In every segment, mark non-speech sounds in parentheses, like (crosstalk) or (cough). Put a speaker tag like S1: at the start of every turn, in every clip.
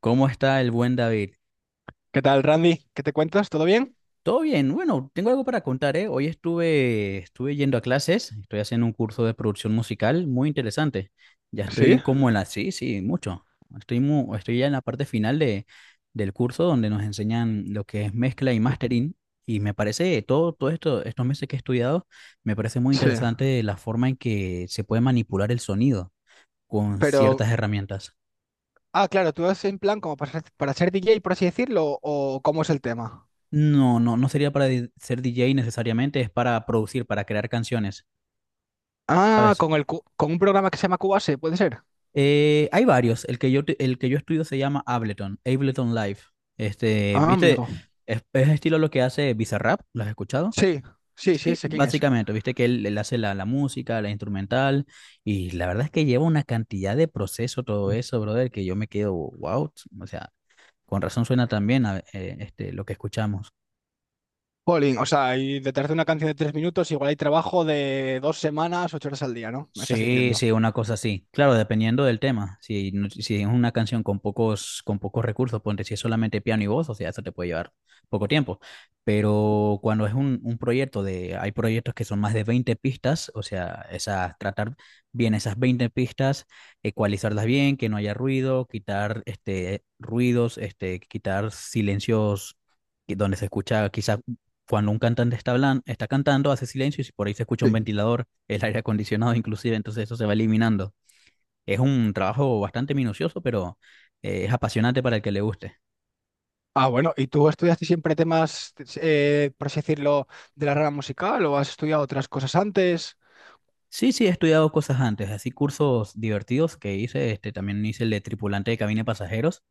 S1: ¿Cómo está el buen David?
S2: ¿Qué tal, Randy? ¿Qué te cuentas? ¿Todo bien?
S1: Todo bien. Bueno, tengo algo para contar, ¿eh? Hoy estuve yendo a clases, estoy haciendo un curso de producción musical muy interesante. Ya
S2: ¿Sí?
S1: estoy como en la... Sí, sí, mucho. Estoy, estoy ya en la parte final del curso donde nos enseñan lo que es mezcla y mastering. Y me parece, todo esto, estos meses que he estudiado, me parece muy
S2: Sí.
S1: interesante la forma en que se puede manipular el sonido con
S2: Pero,
S1: ciertas herramientas.
S2: ah, claro, tú es en plan como para ser, DJ, por así decirlo, o cómo es el tema.
S1: No, no, no sería para ser DJ necesariamente, es para producir, para crear canciones,
S2: Ah,
S1: ¿sabes?
S2: con con un programa que se llama Cubase, ¿puede ser?
S1: Hay varios. El que el que yo estudio se llama Ableton, Ableton Live. Este,
S2: Ah,
S1: ¿viste?
S2: amigo.
S1: Es estilo lo que hace Bizarrap, ¿lo has escuchado?
S2: Sí, sí, sí,
S1: Sí,
S2: sé quién es.
S1: básicamente, viste que él hace la música, la instrumental, y la verdad es que lleva una cantidad de proceso todo eso, brother, que yo me quedo, wow, o sea, con razón suena tan bien lo que escuchamos.
S2: Pauline, o sea, y detrás de una canción de 3 minutos, igual hay trabajo de 2 semanas, 8 horas al día, ¿no? Me estás
S1: Sí,
S2: diciendo.
S1: sí, una cosa así. Claro, dependiendo del tema. Si, si es una canción con con pocos recursos, ponte si es solamente piano y voz, o sea, eso te puede llevar poco tiempo. Pero cuando es un proyecto hay proyectos que son más de 20 pistas, o sea, esas, tratar bien esas 20 pistas, ecualizarlas bien, que no haya ruido, quitar este, ruidos, este, quitar silencios donde se escucha quizás cuando un cantante está cantando, hace silencio y si por ahí se escucha un
S2: Sí.
S1: ventilador, el aire acondicionado inclusive, entonces eso se va eliminando. Es un trabajo bastante minucioso, pero es apasionante para el que le guste.
S2: Ah, bueno, ¿y tú estudiaste siempre temas, por así decirlo, de la rama musical o has estudiado otras cosas antes?
S1: Sí, sí, he estudiado cosas antes, así cursos divertidos que hice, este, también hice el de tripulante de cabina de pasajeros,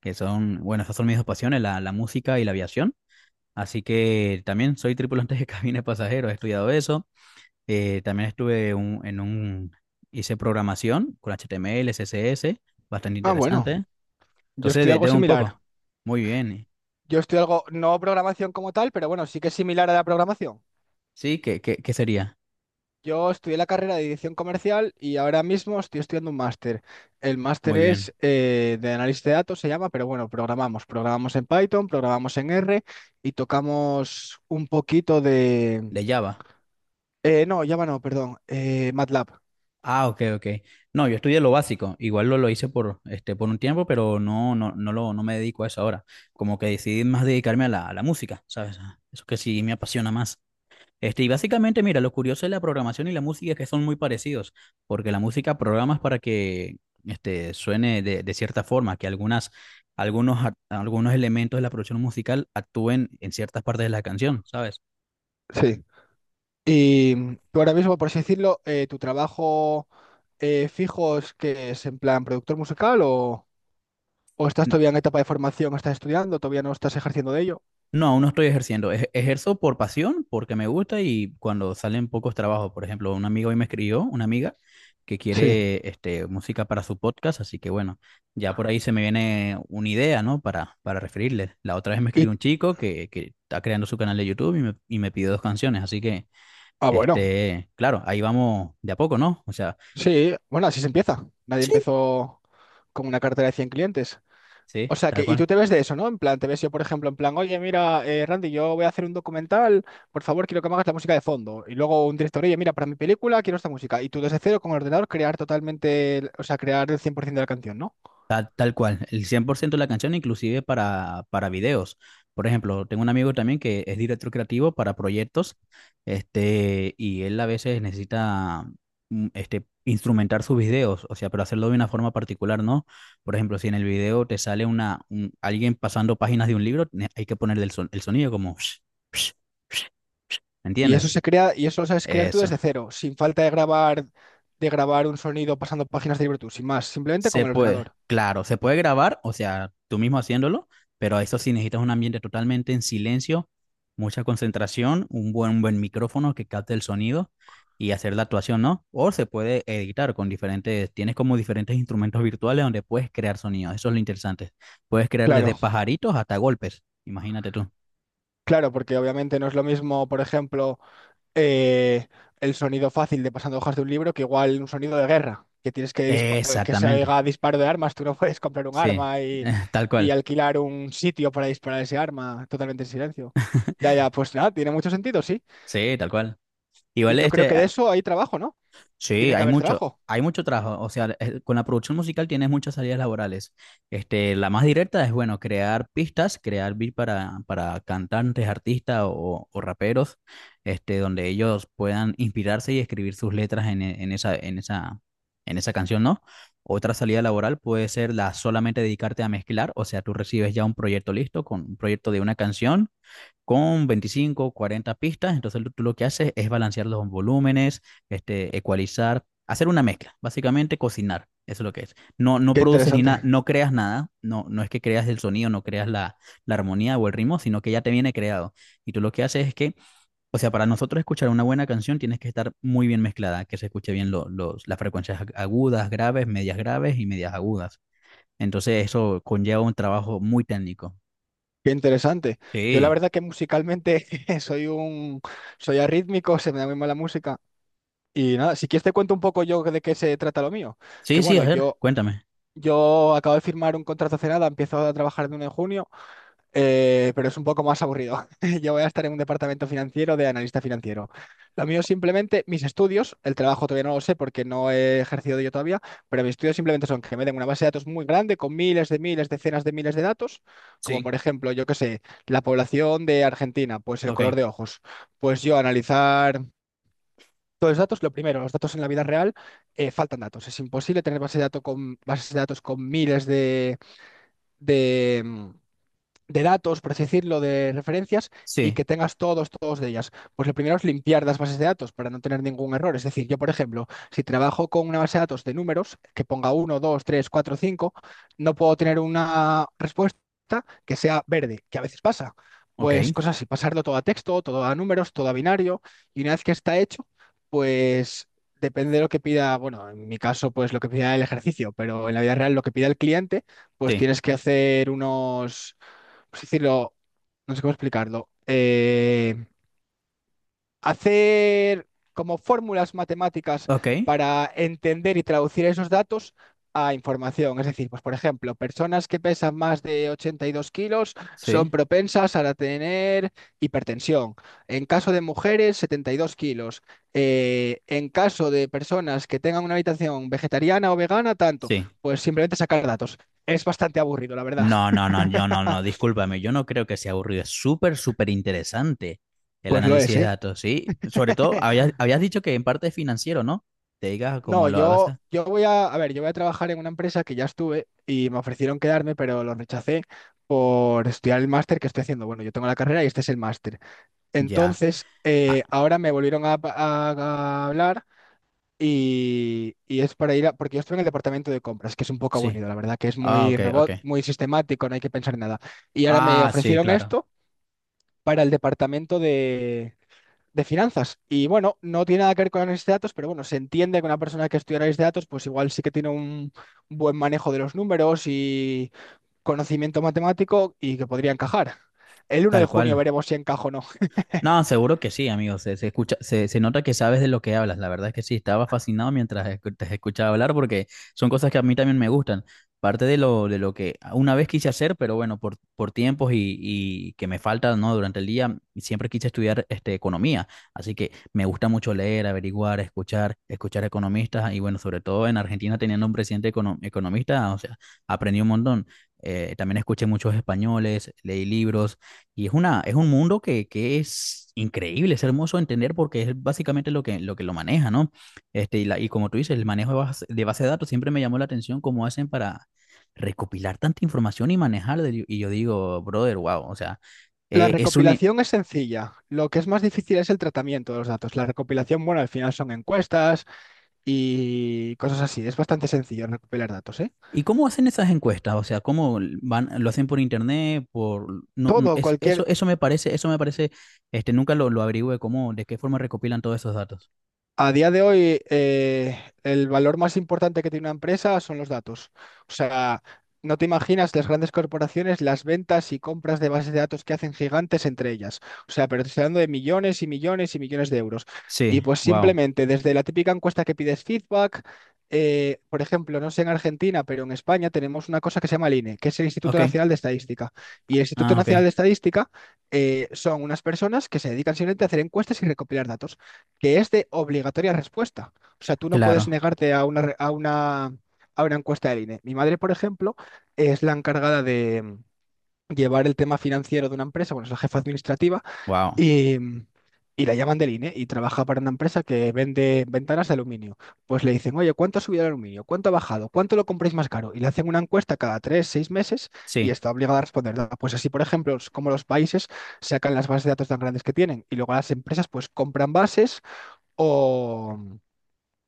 S1: que son, bueno, esas son mis dos pasiones, la música y la aviación. Así que también soy tripulante de (laughs) cabina de pasajeros, he estudiado eso. También estuve hice programación con HTML, CSS, bastante
S2: Ah, bueno,
S1: interesante.
S2: yo
S1: Entonces,
S2: estudié algo
S1: de un
S2: similar.
S1: poco. Muy bien.
S2: Yo estudio algo, no programación como tal, pero bueno, sí que es similar a la programación.
S1: Sí, qué sería?
S2: Yo estudié la carrera de dirección comercial y ahora mismo estoy estudiando un máster. El máster
S1: Muy bien.
S2: es, de análisis de datos, se llama, pero bueno, programamos. Programamos en Python, programamos en R y tocamos un poquito de...
S1: De Java.
S2: eh, no, Java no, perdón, MATLAB.
S1: Ah, ok, ok. No, yo estudié lo básico. Igual lo hice por, este, por un tiempo, pero no, no, no, lo, no me dedico a eso ahora. Como que decidí más dedicarme a a la música, ¿sabes? Eso que sí me apasiona más. Este, y básicamente, mira, lo curioso de la programación y la música es que son muy parecidos, porque la música programas para que este, suene de cierta forma, que algunas, algunos elementos de la producción musical actúen en ciertas partes de la canción, ¿sabes?
S2: Sí. Y tú ahora mismo, por así decirlo, tu trabajo fijo es que es en plan productor musical o estás todavía en etapa de formación, o estás estudiando, todavía no estás ejerciendo de ello.
S1: No, aún no estoy ejerciendo. Ejerzo por pasión, porque me gusta y cuando salen pocos trabajos. Por ejemplo, un amigo hoy me escribió, una amiga, que
S2: Sí.
S1: quiere este, música para su podcast, así que bueno, ya por ahí se me viene una idea, ¿no? Para referirle. La otra vez me
S2: Y,
S1: escribió un chico que está creando su canal de YouTube y me pidió 2 canciones, así que,
S2: ah, bueno,
S1: este, claro, ahí vamos de a poco, ¿no? O sea,
S2: sí, bueno, así se empieza. Nadie
S1: sí,
S2: empezó con una cartera de 100 clientes.
S1: sí,
S2: O sea que,
S1: tal
S2: y
S1: cual.
S2: tú te ves de eso, ¿no? En plan, te ves yo, por ejemplo, en plan, oye, mira, Randy, yo voy a hacer un documental, por favor, quiero que me hagas la música de fondo. Y luego un director, oye, mira, para mi película quiero esta música. Y tú desde cero con el ordenador crear totalmente, o sea, crear el 100% de la canción, ¿no?
S1: Tal cual, el 100% de la canción, inclusive para videos. Por ejemplo, tengo un amigo también que es director creativo para proyectos, este, y él a veces necesita mm, este, instrumentar sus videos, o sea, pero hacerlo de una forma particular, ¿no? Por ejemplo, si en el video te sale alguien pasando páginas de un libro, hay que ponerle el sonido como, (laughs) ¿me
S2: Y eso
S1: entiendes?
S2: se crea, y eso lo sabes crear tú
S1: Eso.
S2: desde cero, sin falta de grabar, un sonido pasando páginas de libreto, sin más, simplemente con
S1: Se
S2: el
S1: puede,
S2: ordenador.
S1: claro, se puede grabar, o sea, tú mismo haciéndolo, pero eso sí necesitas un ambiente totalmente en silencio, mucha concentración, un buen micrófono que capte el sonido y hacer la actuación, ¿no? O se puede editar con diferentes, tienes como diferentes instrumentos virtuales donde puedes crear sonidos, eso es lo interesante. Puedes crear desde
S2: Claro,
S1: pajaritos hasta golpes, imagínate tú.
S2: claro, porque obviamente no es lo mismo, por ejemplo, eh, el sonido fácil de pasando hojas de un libro que igual un sonido de guerra, que tienes que que se
S1: Exactamente,
S2: oiga disparo de armas, tú no (laughs) puedes comprar un
S1: sí,
S2: arma y,
S1: (laughs) tal
S2: y
S1: cual,
S2: alquilar un sitio para disparar ese arma totalmente en silencio. Ya, ya, pues nada, tiene mucho sentido, sí.
S1: sí, tal cual.
S2: Y
S1: Igual
S2: yo creo
S1: este,
S2: que de eso hay trabajo, ¿no?
S1: sí,
S2: Tiene que haber trabajo.
S1: hay mucho trabajo. O sea, con la producción musical tienes muchas salidas laborales. Este, la más directa es, bueno, crear pistas, crear beat para cantantes, artistas o raperos, este, donde ellos puedan inspirarse y escribir sus letras en en esa canción, ¿no? Otra salida laboral puede ser la solamente dedicarte a mezclar, o sea, tú recibes ya un proyecto listo, con un proyecto de una canción con 25, 40 pistas. Entonces tú lo que haces es balancear los volúmenes, este, ecualizar, hacer una mezcla, básicamente cocinar. Eso es lo que es. No, no
S2: Qué
S1: produces ni nada,
S2: interesante.
S1: no creas nada, no, no es que creas el sonido, no creas la armonía o el ritmo, sino que ya te viene creado. Y tú lo que haces es que, o sea, para nosotros escuchar una buena canción tienes que estar muy bien mezclada, que se escuche bien las frecuencias agudas, graves, medias graves y medias agudas. Entonces eso conlleva un trabajo muy técnico.
S2: Qué interesante. Yo la
S1: Sí,
S2: verdad que musicalmente (laughs) soy un soy arrítmico, se me da muy mal la música. Y nada, si quieres te cuento un poco yo de qué se trata lo mío. Que
S1: sí, sí,
S2: bueno,
S1: a ver,
S2: yo
S1: cuéntame.
S2: yo acabo de firmar un contrato hace nada, empiezo a trabajar el 1 de junio, pero es un poco más aburrido. (laughs) Yo voy a estar en un departamento financiero de analista financiero. Lo mío es simplemente mis estudios, el trabajo todavía no lo sé porque no he ejercido yo todavía, pero mis estudios simplemente son que me den una base de datos muy grande con miles de miles, decenas de miles de datos, como
S1: Sí.
S2: por ejemplo, yo qué sé, la población de Argentina, pues el
S1: Ok,
S2: color de ojos. Pues yo analizar. Todos los datos, lo primero, los datos en la vida real, faltan datos. Es imposible tener base de datos con, bases de datos con miles de, mm, de datos, por así decirlo, de referencias y
S1: sí,
S2: que tengas todos de ellas. Pues lo primero es limpiar las bases de datos para no tener ningún error. Es decir, yo, por ejemplo, si trabajo con una base de datos de números que ponga 1 2 3 4 5 no puedo tener una respuesta que sea verde, que a veces pasa.
S1: ok,
S2: Pues cosas así, pasarlo todo a texto, todo a números, todo a binario y una vez que está hecho, pues. Depende de lo que pida, bueno, en mi caso, pues lo que pida el ejercicio, pero en la vida real lo que pida el cliente, pues
S1: sí,
S2: tienes que hacer unos, pues decirlo, no sé cómo explicarlo, hacer como fórmulas matemáticas
S1: ok,
S2: para entender y traducir esos datos a información. Es decir, pues por ejemplo, personas que pesan más de 82 kilos son
S1: sí,
S2: propensas a la tener hipertensión. En caso de mujeres, 72 kilos. En caso de personas que tengan una habitación vegetariana o vegana, tanto,
S1: sí.
S2: pues simplemente sacar datos. Es bastante aburrido, la verdad.
S1: No,
S2: (laughs)
S1: no, no, yo no, no, discúlpame, yo no creo que sea aburrido, es súper, súper interesante el
S2: Pues lo
S1: análisis
S2: es,
S1: de
S2: ¿eh?
S1: datos, ¿sí? Sobre todo,
S2: (laughs)
S1: habías dicho que en parte es financiero, ¿no? Te digas cómo
S2: No,
S1: lo vas
S2: yo,
S1: a...
S2: yo a ver, yo voy a trabajar en una empresa que ya estuve y me ofrecieron quedarme, pero lo rechacé por estudiar el máster que estoy haciendo. Bueno, yo tengo la carrera y este es el máster.
S1: Ya,
S2: Entonces,
S1: ah,
S2: ahora me volvieron a hablar y es para ir a, porque yo estoy en el departamento de compras, que es un poco
S1: sí,
S2: aburrido, la verdad, que es
S1: ah,
S2: muy
S1: ok, ok.
S2: robot, muy sistemático, no hay que pensar en nada. Y ahora me
S1: Ah, sí,
S2: ofrecieron
S1: claro,
S2: esto para el departamento de finanzas. Y bueno, no tiene nada que ver con análisis de datos, pero bueno, se entiende que una persona que estudia análisis de datos, pues igual sí que tiene un buen manejo de los números y conocimiento matemático y que podría encajar. El 1 de
S1: tal
S2: junio
S1: cual.
S2: veremos si encaja o no.
S1: No, seguro que sí, amigo. Se escucha, se nota que sabes de lo que hablas. La verdad es que sí, estaba fascinado mientras te escuchaba hablar porque son cosas que a mí también me gustan. Parte de de lo que una vez quise hacer, pero bueno, por tiempos y que me falta, ¿no? Durante el día, siempre quise estudiar este, economía. Así que me gusta mucho leer, averiguar, escuchar economistas. Y bueno, sobre todo en Argentina teniendo un presidente economista, o sea, aprendí un montón. También escuché muchos españoles, leí libros y es una, es un mundo que es increíble, es hermoso de entender porque es básicamente lo que que lo maneja, ¿no? Este, y, y como tú dices, el manejo de base, de base de datos siempre me llamó la atención cómo hacen para recopilar tanta información y manejarla. Y yo digo, brother, wow, o sea,
S2: La
S1: es un... i-
S2: recopilación es sencilla. Lo que es más difícil es el tratamiento de los datos. La recopilación, bueno, al final son encuestas y cosas así. Es bastante sencillo recopilar datos, ¿eh?
S1: ¿Y cómo hacen esas encuestas? O sea, ¿cómo van, lo hacen por internet? Por, no, no,
S2: Todo,
S1: eso,
S2: cualquier.
S1: eso me parece, este, nunca lo averigüé, cómo, de qué forma recopilan todos esos datos.
S2: A día de hoy, el valor más importante que tiene una empresa son los datos. O sea, no te imaginas las grandes corporaciones, las ventas y compras de bases de datos que hacen gigantes entre ellas. O sea, pero te estoy hablando de millones y millones y millones de euros. Y
S1: Sí,
S2: pues
S1: wow.
S2: simplemente desde la típica encuesta que pides feedback, por ejemplo, no sé en Argentina, pero en España tenemos una cosa que se llama el INE, que es el Instituto
S1: Ok.
S2: Nacional de Estadística. Y el Instituto
S1: Ah, ok.
S2: Nacional de Estadística, son unas personas que se dedican simplemente a hacer encuestas y recopilar datos que es de obligatoria respuesta. O sea, tú no puedes
S1: Claro.
S2: negarte a una, re- a una encuesta del INE. Mi madre, por ejemplo, es la encargada de llevar el tema financiero de una empresa, bueno, es la jefa administrativa,
S1: Wow.
S2: y, mm, y la llaman del INE y trabaja para una empresa que vende ventanas de aluminio. Pues le dicen, oye, ¿cuánto ha subido el aluminio? ¿Cuánto ha bajado? ¿Cuánto lo compráis más caro? Y le hacen una encuesta cada 3, 6 meses y
S1: Sí,
S2: está obligada a responder, ¿no? Pues así, por ejemplo, es como los países sacan las bases de datos tan grandes que tienen y luego las empresas pues compran bases o,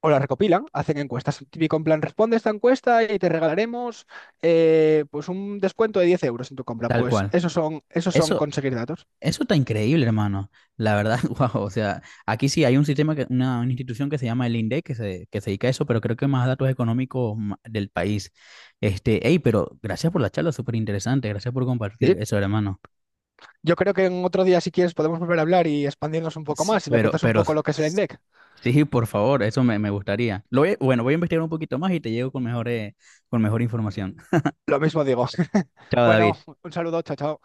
S2: o las recopilan, hacen encuestas. Típico en plan, responde esta encuesta y te regalaremos pues un descuento de 10 euros en tu compra.
S1: tal
S2: Pues
S1: cual.
S2: esos son
S1: Eso,
S2: conseguir datos.
S1: eso está increíble, hermano. La verdad, (laughs) wow. O sea, aquí sí hay un sistema, que, una institución que se llama el INDEC que se dedica a eso, pero creo que más datos económicos del país. Este, hey, pero gracias por la charla, súper interesante. Gracias por
S2: Sí.
S1: compartir eso, hermano.
S2: Yo creo que en otro día, si quieres, podemos volver a hablar y expandirnos un poco más. Si me
S1: Pero,
S2: cuentas un poco lo que es el INDEC,
S1: sí, por favor, me gustaría. Bueno, voy a investigar un poquito más y te llego con con mejor información. (laughs)
S2: lo mismo digo. (laughs)
S1: Chao,
S2: Bueno,
S1: David.
S2: un saludo, chao, chao.